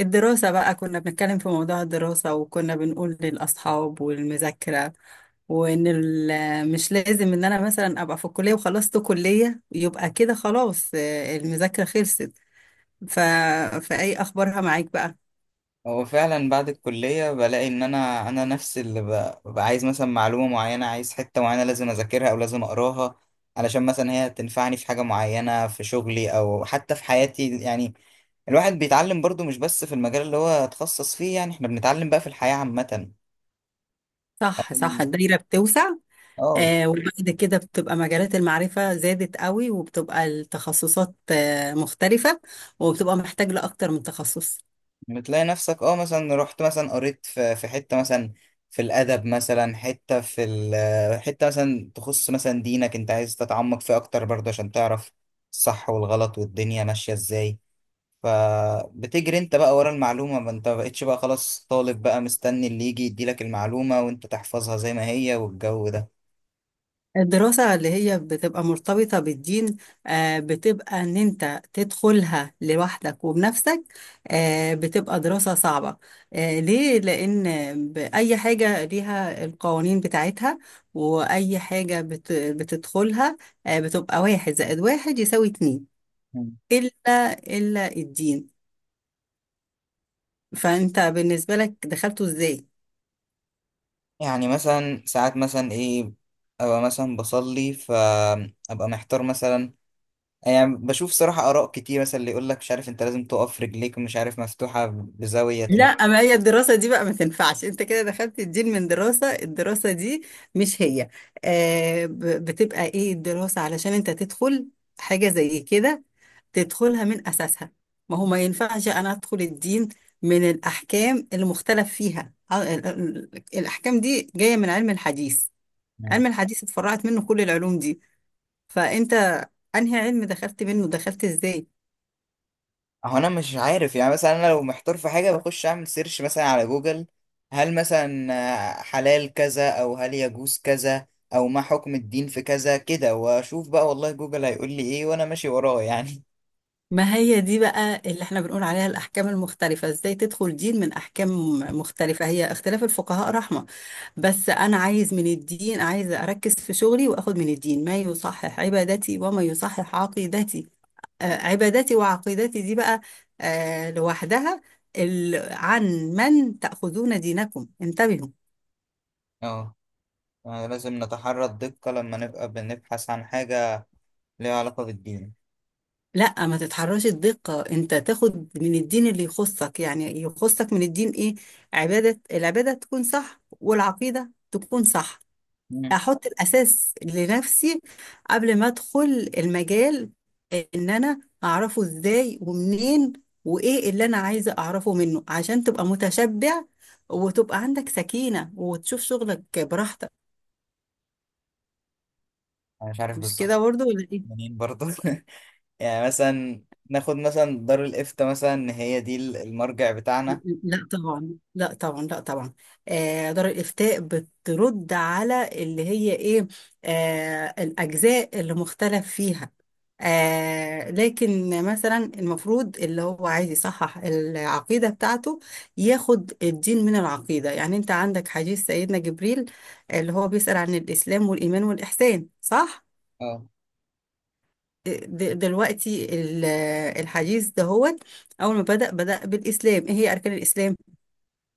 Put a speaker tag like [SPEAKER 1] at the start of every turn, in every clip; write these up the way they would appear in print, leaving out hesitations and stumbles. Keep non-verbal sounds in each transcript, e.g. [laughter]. [SPEAKER 1] الدراسة بقى، كنا بنتكلم في موضوع الدراسة وكنا بنقول للأصحاب والمذاكرة. وإن مش لازم إن أنا مثلا أبقى في الكلية وخلصت كلية يبقى كده خلاص، المذاكرة خلصت. ف... فأي أخبارها معاك بقى؟
[SPEAKER 2] هو فعلا بعد الكلية بلاقي إن أنا نفسي اللي ببقى عايز مثلا معلومة معينة، عايز حتة معينة لازم أذاكرها أو لازم أقراها علشان مثلا هي تنفعني في حاجة معينة في شغلي أو حتى في حياتي. يعني الواحد بيتعلم برضو مش بس في المجال اللي هو اتخصص فيه، يعني إحنا بنتعلم بقى في الحياة عامة.
[SPEAKER 1] صح، صح. الدايرة بتوسع.
[SPEAKER 2] اه،
[SPEAKER 1] وبعد كده بتبقى مجالات المعرفة زادت قوي، وبتبقى التخصصات مختلفة، وبتبقى محتاج لأكتر من تخصص.
[SPEAKER 2] بتلاقي نفسك مثلا رحت مثلا قريت في حتة مثلا في الأدب، مثلا حتة في ال حتة مثلا تخص مثلا دينك، انت عايز تتعمق فيه أكتر برضه عشان تعرف الصح والغلط والدنيا ماشية ازاي. فبتجري انت بقى ورا المعلومة، ما انت مبقتش بقى خلاص طالب بقى مستني اللي يجي يديلك المعلومة وانت تحفظها زي ما هي والجو ده.
[SPEAKER 1] الدراسة اللي هي بتبقى مرتبطة بالدين، بتبقى إن أنت تدخلها لوحدك وبنفسك. بتبقى دراسة صعبة. ليه؟ لأن بأي حاجة ليها القوانين بتاعتها، وأي حاجة بتدخلها بتبقى واحد زائد واحد يساوي اتنين،
[SPEAKER 2] مم.
[SPEAKER 1] إلا الدين. فأنت بالنسبة لك دخلته إزاي؟
[SPEAKER 2] يعني مثلا ساعات مثلا ايه، ابقى مثلا بصلي فابقى محتار مثلا، يعني بشوف صراحة آراء كتير، مثلا اللي يقول لك مش عارف أنت لازم تقف رجليك مش عارف مفتوحة بزاوية.
[SPEAKER 1] لا، ما هي الدراسة دي بقى ما تنفعش، انت كده دخلت الدين من دراسة، الدراسة دي مش هي. بتبقى ايه الدراسة علشان انت تدخل حاجة زي كده، تدخلها من أساسها. ما هو ما ينفعش أنا أدخل الدين من الأحكام اللي مختلف فيها. الأحكام دي جاية من علم الحديث. علم الحديث اتفرعت منه كل العلوم دي. فأنت أنهي علم دخلت منه؟ دخلت إزاي؟
[SPEAKER 2] هو أنا مش عارف، يعني مثلا أنا لو محتار في حاجة بخش أعمل سيرش مثلا على جوجل. هل مثلا حلال كذا، أو هل يجوز كذا، أو ما حكم الدين في كذا كده، وأشوف بقى والله جوجل هيقول لي إيه وأنا ماشي وراه يعني.
[SPEAKER 1] ما هي دي بقى اللي احنا بنقول عليها الأحكام المختلفة، ازاي تدخل دين من أحكام مختلفة؟ هي اختلاف الفقهاء رحمة، بس أنا عايز من الدين، عايز أركز في شغلي وأخد من الدين ما يصحح عبادتي وما يصحح عقيدتي. عبادتي وعقيدتي دي بقى، لوحدها. عن من تأخذون دينكم انتبهوا.
[SPEAKER 2] [laughs] أه. آه، لازم نتحرى الدقة لما نبقى بنبحث عن حاجة ليها علاقة بالدين.
[SPEAKER 1] لا، ما تتحرش الدقة، انت تاخد من الدين اللي يخصك، يعني يخصك من الدين ايه؟ العبادة تكون صح، والعقيدة تكون صح.
[SPEAKER 2] مم.
[SPEAKER 1] احط الاساس لنفسي قبل ما ادخل المجال، ان انا اعرفه ازاي ومنين، وايه اللي انا عايزة اعرفه منه، عشان تبقى متشبع وتبقى عندك سكينة وتشوف شغلك براحتك.
[SPEAKER 2] أنا مش عارف
[SPEAKER 1] مش
[SPEAKER 2] بالظبط.
[SPEAKER 1] كده برضو ولا ايه؟
[SPEAKER 2] منين برضه [laughs] يعني مثلا ناخد مثلا دار الإفتاء، مثلا إن هي دي المرجع بتاعنا.
[SPEAKER 1] لا طبعا. لا طبعا. لا طبعا. دار الإفتاء بترد على اللي هي إيه؟ الأجزاء اللي مختلف فيها. لكن مثلا المفروض اللي هو عايز يصحح العقيدة بتاعته، ياخد الدين من العقيدة. يعني أنت عندك حديث سيدنا جبريل اللي هو بيسأل عن الإسلام والإيمان والإحسان، صح؟
[SPEAKER 2] اه.
[SPEAKER 1] دلوقتي الحديث دهوت، أول ما بدأ بالإسلام: إيه هي أركان الإسلام؟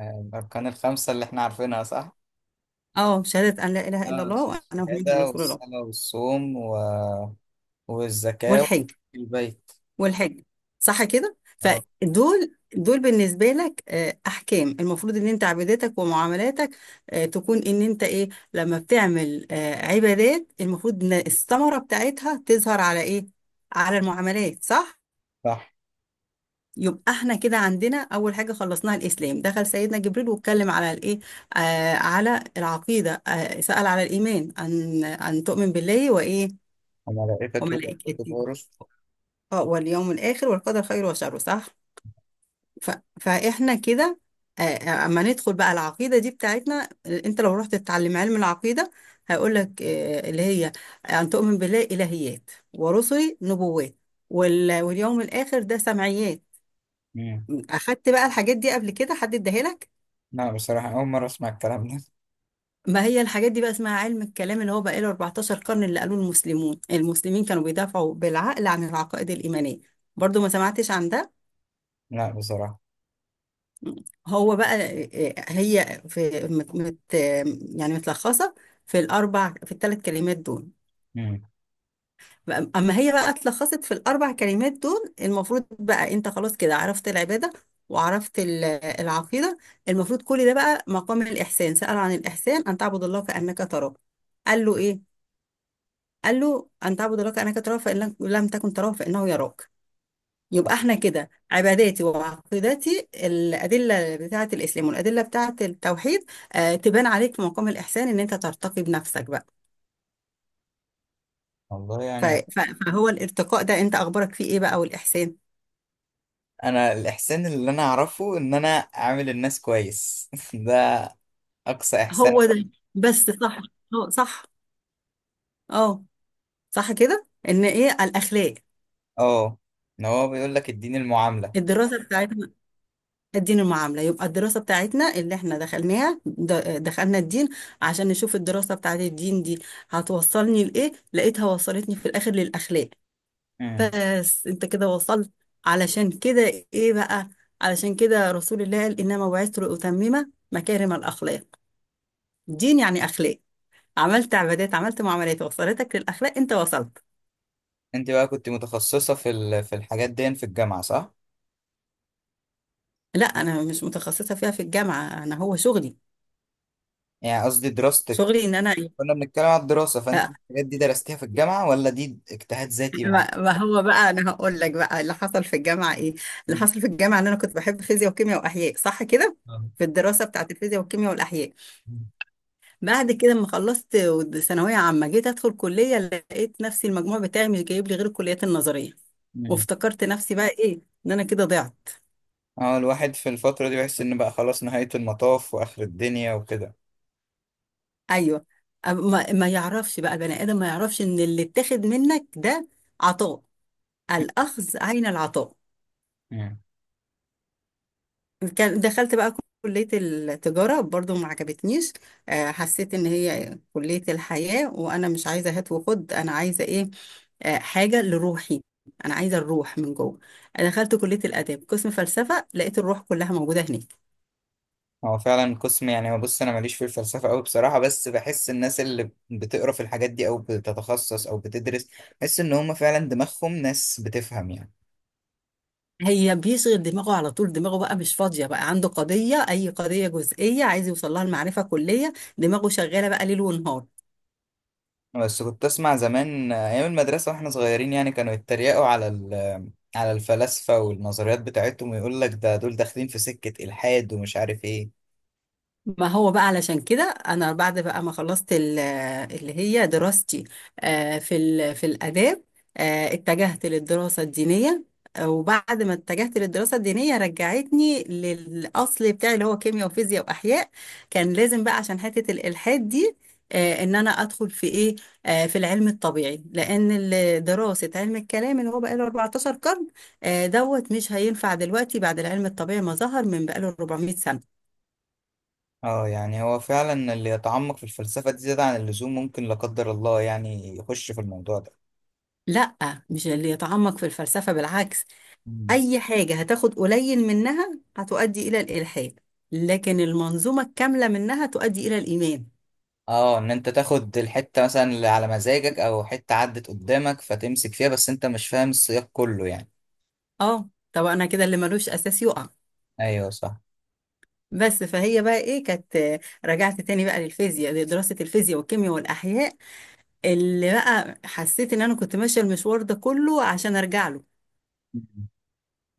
[SPEAKER 2] آه، الأركان الخمسة اللي إحنا عارفينها صح؟
[SPEAKER 1] اه، شهادة أن لا إله إلا
[SPEAKER 2] اه
[SPEAKER 1] الله
[SPEAKER 2] صح.
[SPEAKER 1] وأنا محمد
[SPEAKER 2] الشهادة
[SPEAKER 1] رسول الله.
[SPEAKER 2] والصلاة والصوم والزكاة
[SPEAKER 1] والحج.
[SPEAKER 2] في البيت.
[SPEAKER 1] والحج. صح كده؟
[SPEAKER 2] اه
[SPEAKER 1] فدول بالنسبة لك أحكام، المفروض إن أنت عباداتك ومعاملاتك تكون إن أنت إيه، لما بتعمل عبادات المفروض إن الثمرة بتاعتها تظهر على إيه؟ على المعاملات، صح؟
[SPEAKER 2] صح.
[SPEAKER 1] يبقى احنا كده عندنا أول حاجة خلصناها الإسلام. دخل سيدنا جبريل واتكلم على الإيه؟ على العقيدة. سأل على الإيمان: أن تؤمن بالله وإيه؟
[SPEAKER 2] وملائكته وكتب
[SPEAKER 1] وملائكته،
[SPEAKER 2] ورسل.
[SPEAKER 1] اه، واليوم الآخر والقدر خيره وشره، صح. ف... فإحنا كده. اما ندخل بقى العقيدة دي بتاعتنا، انت لو رحت تتعلم علم العقيدة، هيقول لك اللي هي أن تؤمن بالله إلهيات، ورسله نبوات، واليوم الآخر ده سمعيات.
[SPEAKER 2] مم.
[SPEAKER 1] أخدت بقى الحاجات دي قبل كده، حد اداها لك؟
[SPEAKER 2] لا بصراحة أول مرة أسمع الكلام ده.
[SPEAKER 1] ما هي الحاجات دي بقى اسمها علم الكلام، اللي هو بقى له 14 قرن، اللي قالوه المسلمين كانوا بيدافعوا بالعقل عن العقائد الإيمانية. برضو ما سمعتش عن ده؟
[SPEAKER 2] لا بصراحة.
[SPEAKER 1] هو بقى هي يعني متلخصة في الثلاث كلمات دول.
[SPEAKER 2] مم.
[SPEAKER 1] أما هي بقى اتلخصت في الأربع كلمات دول، المفروض بقى أنت خلاص كده عرفت العبادة وعرفت العقيدة. المفروض كل ده بقى مقام الإحسان. سأل عن الإحسان: أن تعبد الله كأنك تراه. قال له إيه؟ قال له أن تعبد الله كأنك تراه، فإن لم تكن تراه فإنه يراك. يبقى احنا كده عباداتي وعقيدتي الأدلة بتاعة الإسلام والأدلة بتاعة التوحيد تبان عليك في مقام الإحسان، إن أنت ترتقي بنفسك بقى.
[SPEAKER 2] والله
[SPEAKER 1] ف-
[SPEAKER 2] يعني.
[SPEAKER 1] ف- فهو الارتقاء ده أنت أخبارك فيه إيه بقى، والإحسان؟
[SPEAKER 2] أنا الإحسان اللي أنا أعرفه إن أنا أعامل الناس كويس [laughs] ده أقصى إحسان.
[SPEAKER 1] هو ده، بس، صح. اه، صح. اه. صح كده إن إيه الأخلاق.
[SPEAKER 2] أه، إن هو بيقول لك اديني المعاملة.
[SPEAKER 1] الدراسة بتاعتنا، الدين المعاملة، يبقى الدراسة بتاعتنا اللي احنا دخلناها، دخلنا الدين عشان نشوف الدراسة بتاعت الدين دي هتوصلني لإيه. لقيتها وصلتني في الآخر للأخلاق.
[SPEAKER 2] مم.
[SPEAKER 1] بس انت كده وصلت. علشان كده ايه بقى، علشان كده رسول الله قال انما بعثت لاتمم مكارم الاخلاق. دين يعني اخلاق. عملت عبادات، عملت معاملات، وصلتك للاخلاق. انت وصلت.
[SPEAKER 2] انت بقى كنت متخصصة في الحاجات دي في الجامعة صح؟
[SPEAKER 1] لا، انا مش متخصصه فيها في الجامعه، انا هو شغلي.
[SPEAKER 2] يعني قصدي دراستك.
[SPEAKER 1] شغلي ان انا ايه.
[SPEAKER 2] كنا بنتكلم على الدراسة، فانت
[SPEAKER 1] آه،
[SPEAKER 2] الحاجات دي درستيها في الجامعة ولا دي اجتهاد ذاتي مع
[SPEAKER 1] ما هو بقى انا هقول لك بقى اللي حصل في الجامعه ايه. اللي
[SPEAKER 2] نفسك؟
[SPEAKER 1] حصل في الجامعه ان انا كنت بحب فيزياء وكيمياء واحياء، صح كده. في الدراسه بتاعت الفيزياء والكيمياء والاحياء. بعد كده لما خلصت ثانوية عامة، جيت أدخل كلية، لقيت نفسي المجموع بتاعي مش جايب لي غير الكليات النظرية،
[SPEAKER 2] مم.
[SPEAKER 1] وافتكرت نفسي بقى إيه، إن أنا كده ضعت.
[SPEAKER 2] اه، الواحد في الفترة دي بيحس ان بقى خلاص نهاية المطاف واخر الدنيا وكده.
[SPEAKER 1] أيوه. ما يعرفش بقى البني آدم، ما يعرفش إن اللي اتاخد منك ده عطاء، الأخذ عين العطاء.
[SPEAKER 2] مم.
[SPEAKER 1] دخلت بقى كلية التجارة، برضو ما عجبتنيش. حسيت إن هي كلية الحياة، وأنا مش عايزة هات وخد، أنا عايزة إيه، حاجة لروحي، أنا عايزة الروح من جوه. أنا دخلت كلية الآداب قسم فلسفة، لقيت الروح كلها موجودة هناك.
[SPEAKER 2] هو فعلا قسم، يعني هو بص انا ماليش في الفلسفة قوي بصراحة، بس بحس الناس اللي بتقرا في الحاجات دي او بتتخصص او بتدرس، بحس ان هم فعلا دماغهم ناس بتفهم يعني.
[SPEAKER 1] هي بيشغل دماغه على طول، دماغه بقى مش فاضية، بقى عنده قضية، أي قضية جزئية عايز يوصل لها المعرفة كلية، دماغه شغالة بقى ليل ونهار.
[SPEAKER 2] بس كنت اسمع زمان ايام المدرسه واحنا صغيرين، يعني كانوا يتريقوا على الفلاسفه والنظريات بتاعتهم، ويقول لك ده دول داخلين في سكه الحاد ومش عارف ايه.
[SPEAKER 1] ما هو بقى علشان كده انا بعد بقى ما خلصت اللي هي دراستي في الاداب، اتجهت للدراسه الدينيه. وبعد ما اتجهت للدراسه الدينيه رجعتني للاصل بتاعي، اللي هو كيمياء وفيزياء واحياء. كان لازم بقى، عشان حته الالحاد دي، ان انا ادخل في ايه، في العلم الطبيعي. لان دراسه علم الكلام اللي هو بقى له 14 قرن، دوت مش هينفع دلوقتي، بعد العلم الطبيعي ما ظهر من بقى له 400 سنه.
[SPEAKER 2] اه، يعني هو فعلا اللي يتعمق في الفلسفه دي زياده عن اللزوم ممكن لا قدر الله يعني يخش في الموضوع ده.
[SPEAKER 1] لا. مش اللي يتعمق في الفلسفة، بالعكس.
[SPEAKER 2] مم.
[SPEAKER 1] أي حاجة هتاخد قليل منها هتؤدي إلى الإلحاد، لكن المنظومة الكاملة منها تؤدي إلى الإيمان.
[SPEAKER 2] اه، ان انت تاخد الحته مثلا اللي على مزاجك او حته عدت قدامك فتمسك فيها، بس انت مش فاهم السياق كله يعني.
[SPEAKER 1] اه، طب أنا كده اللي ملوش أساس يقع.
[SPEAKER 2] ايوه صح.
[SPEAKER 1] بس فهي بقى إيه كانت، رجعت تاني بقى للفيزياء، لدراسة الفيزياء والكيمياء والأحياء، اللي بقى حسيت إن أنا كنت ماشية المشوار ده كله عشان أرجع له.
[SPEAKER 2] مم.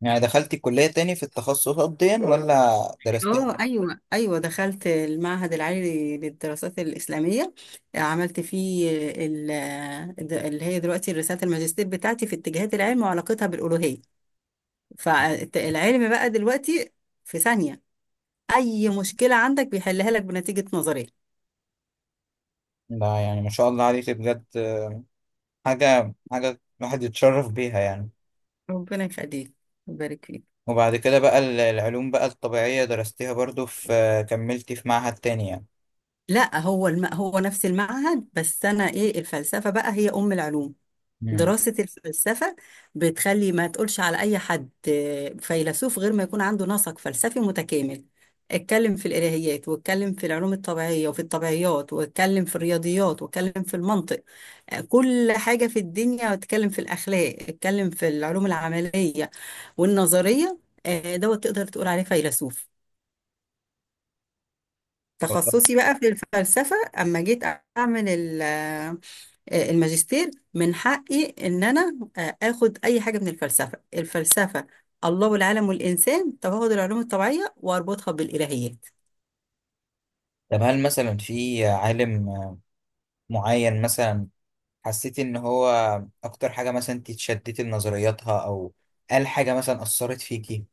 [SPEAKER 2] يعني دخلتي كليه تاني في التخصصات دي ولا درستها؟
[SPEAKER 1] اه، ايوه، ايوه، دخلت المعهد العالي للدراسات الاسلاميه. عملت فيه ال- اللي هي دلوقتي رساله الماجستير بتاعتي في اتجاهات العلم وعلاقتها بالالوهيه. فالعلم بقى دلوقتي في ثانيه اي مشكله عندك بيحلها لك بنتيجه نظريه.
[SPEAKER 2] ده يعني ما شاء الله عليك بجد. حاجة الواحد يتشرف بيها يعني.
[SPEAKER 1] ربنا يخليك ويبارك فيك.
[SPEAKER 2] وبعد كده بقى العلوم بقى الطبيعية درستيها برضو في، كملتي في معهد تاني يعني؟
[SPEAKER 1] لا، هو هو نفس المعهد، بس انا ايه، الفلسفه بقى هي ام العلوم.
[SPEAKER 2] مم.
[SPEAKER 1] دراسة الفلسفة بتخلي ما تقولش على أي حد فيلسوف غير ما يكون عنده نسق فلسفي متكامل: اتكلم في الإلهيات، واتكلم في العلوم الطبيعية وفي الطبيعيات، واتكلم في الرياضيات، واتكلم في المنطق، كل حاجة في الدنيا، اتكلم في الأخلاق، اتكلم في العلوم العملية والنظرية، دوت تقدر تقول عليه فيلسوف.
[SPEAKER 2] طب
[SPEAKER 1] تخصصي بقى في الفلسفة. أما جيت أعمل الماجستير، من حقي ان انا اخد اي حاجه من الفلسفه. الفلسفه الله والعالم والانسان، طب هاخد العلوم الطبيعيه واربطها بالالهيات.
[SPEAKER 2] طب هل مثلا في عالم معين مثلا حسيتي ان هو اكتر حاجة مثلا انت اتشدتي لنظرياتها او قال حاجة مثلا اثرت فيكي؟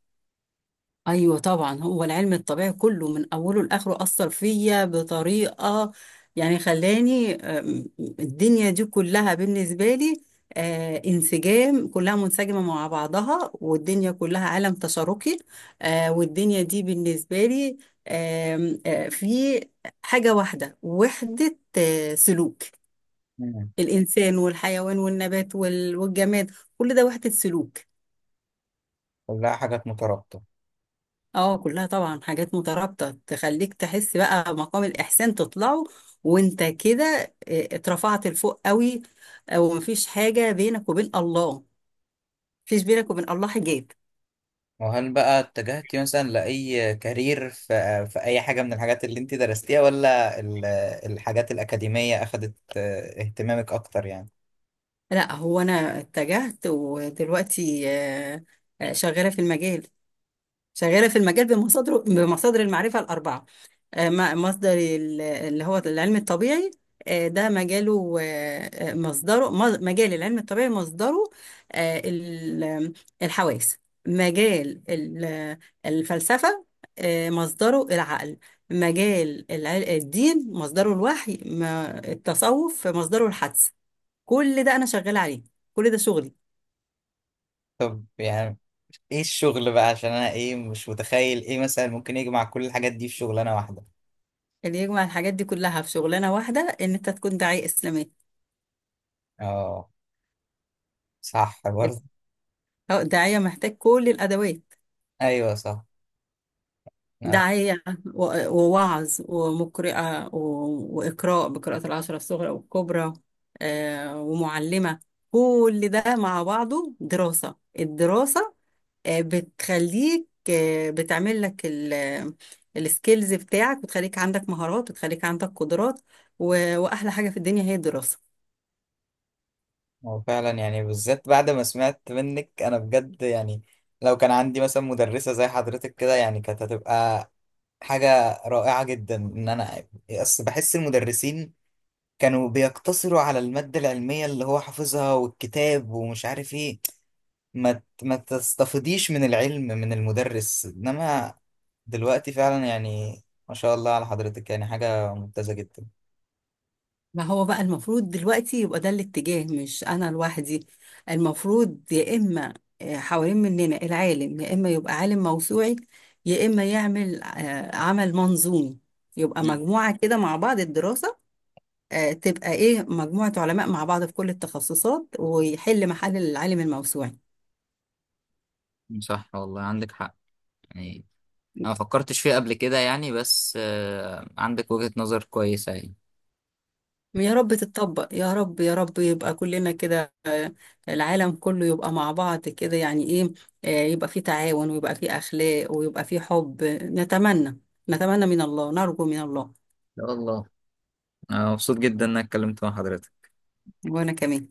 [SPEAKER 1] ايوه طبعا، هو العلم الطبيعي كله من اوله لاخره اثر فيا بطريقه، يعني خلاني الدنيا دي كلها بالنسبه لي انسجام، كلها منسجمه مع بعضها، والدنيا كلها عالم تشاركي. والدنيا دي بالنسبه لي آم، آه، في حاجه واحده، وحده سلوك.
[SPEAKER 2] مم.
[SPEAKER 1] الانسان والحيوان والنبات والجماد، كل ده وحده سلوك.
[SPEAKER 2] كلها حاجات مترابطة.
[SPEAKER 1] اه، كلها طبعا حاجات مترابطة، تخليك تحس بقى مقام الإحسان تطلعه، وانت كده اه، اترفعت لفوق قوي، اه، ومفيش حاجة بينك وبين الله، مفيش بينك وبين الله حجاب.
[SPEAKER 2] وهل بقى اتجهتي مثلا لأي كارير في أي حاجة من الحاجات اللي انت درستيها، ولا الحاجات الأكاديمية أخدت اهتمامك أكتر يعني؟
[SPEAKER 1] لا، هو انا اتجهت ودلوقتي اه، شغالة في المجال. شغالة في المجال بمصادر المعرفة الأربعة. مصدر اللي هو العلم الطبيعي، ده مجاله. مصدره مجال العلم الطبيعي مصدره آه، ال- الحواس. مجال الفلسفة مصدره العقل. مجال الدين مصدره الوحي. التصوف مصدره الحدس. كل ده أنا شغالة عليه، كل ده شغلي.
[SPEAKER 2] طب يعني ايه الشغل بقى، عشان أنا ايه مش متخيل ايه مثلا ممكن يجمع كل الحاجات دي في شغلانة واحدة.
[SPEAKER 1] اللي يجمع الحاجات دي كلها في شغلانة واحدة إن أنت تكون داعية إسلامية.
[SPEAKER 2] اه صح برضه.
[SPEAKER 1] أو الداعية محتاج كل الأدوات:
[SPEAKER 2] أيوه صح. أنا ف-
[SPEAKER 1] داعية، ووعظ، ومقرئة، وإقراء بقراءة العشرة الصغرى والكبرى، ومعلمة. كل ده مع بعضه دراسة. الدراسة بتخليك، بتعمل لك السكيلز بتاعك، بتخليك عندك مهارات، بتخليك عندك قدرات، وأحلى حاجة في الدنيا هي الدراسة.
[SPEAKER 2] هو فعلا يعني بالذات بعد ما سمعت منك أنا بجد يعني، لو كان عندي مثلا مدرسة زي حضرتك كده، يعني كانت هتبقى حاجة رائعة جدا. إن أنا أصل بحس المدرسين كانوا بيقتصروا على المادة العلمية اللي هو حافظها والكتاب ومش عارف إيه، ما تستفيديش من العلم من المدرس، إنما دلوقتي فعلا يعني ما شاء الله على حضرتك، يعني حاجة ممتازة جدا.
[SPEAKER 1] ما هو بقى المفروض دلوقتي يبقى ده الاتجاه، مش انا لوحدي. المفروض يا اما حوالين مننا العالم يا اما يبقى عالم موسوعي، يا اما يعمل عمل منظومي، يبقى مجموعة كده مع بعض الدراسة، تبقى ايه، مجموعة علماء مع بعض في كل التخصصات ويحل محل العالم الموسوعي.
[SPEAKER 2] مم. صح والله عندك حق. يعني انا ما فكرتش فيه قبل كده يعني، بس عندك وجهة نظر كويسة يعني.
[SPEAKER 1] يا رب تتطبق، يا رب، يا رب يبقى كلنا كده العالم كله يبقى مع بعض كده، يعني ايه، يبقى في تعاون، ويبقى في اخلاق، ويبقى في حب. نتمنى، نتمنى من الله، نرجو من الله.
[SPEAKER 2] يا الله. انا مبسوط جدا انك اتكلمت مع حضرتك.
[SPEAKER 1] وانا كمان.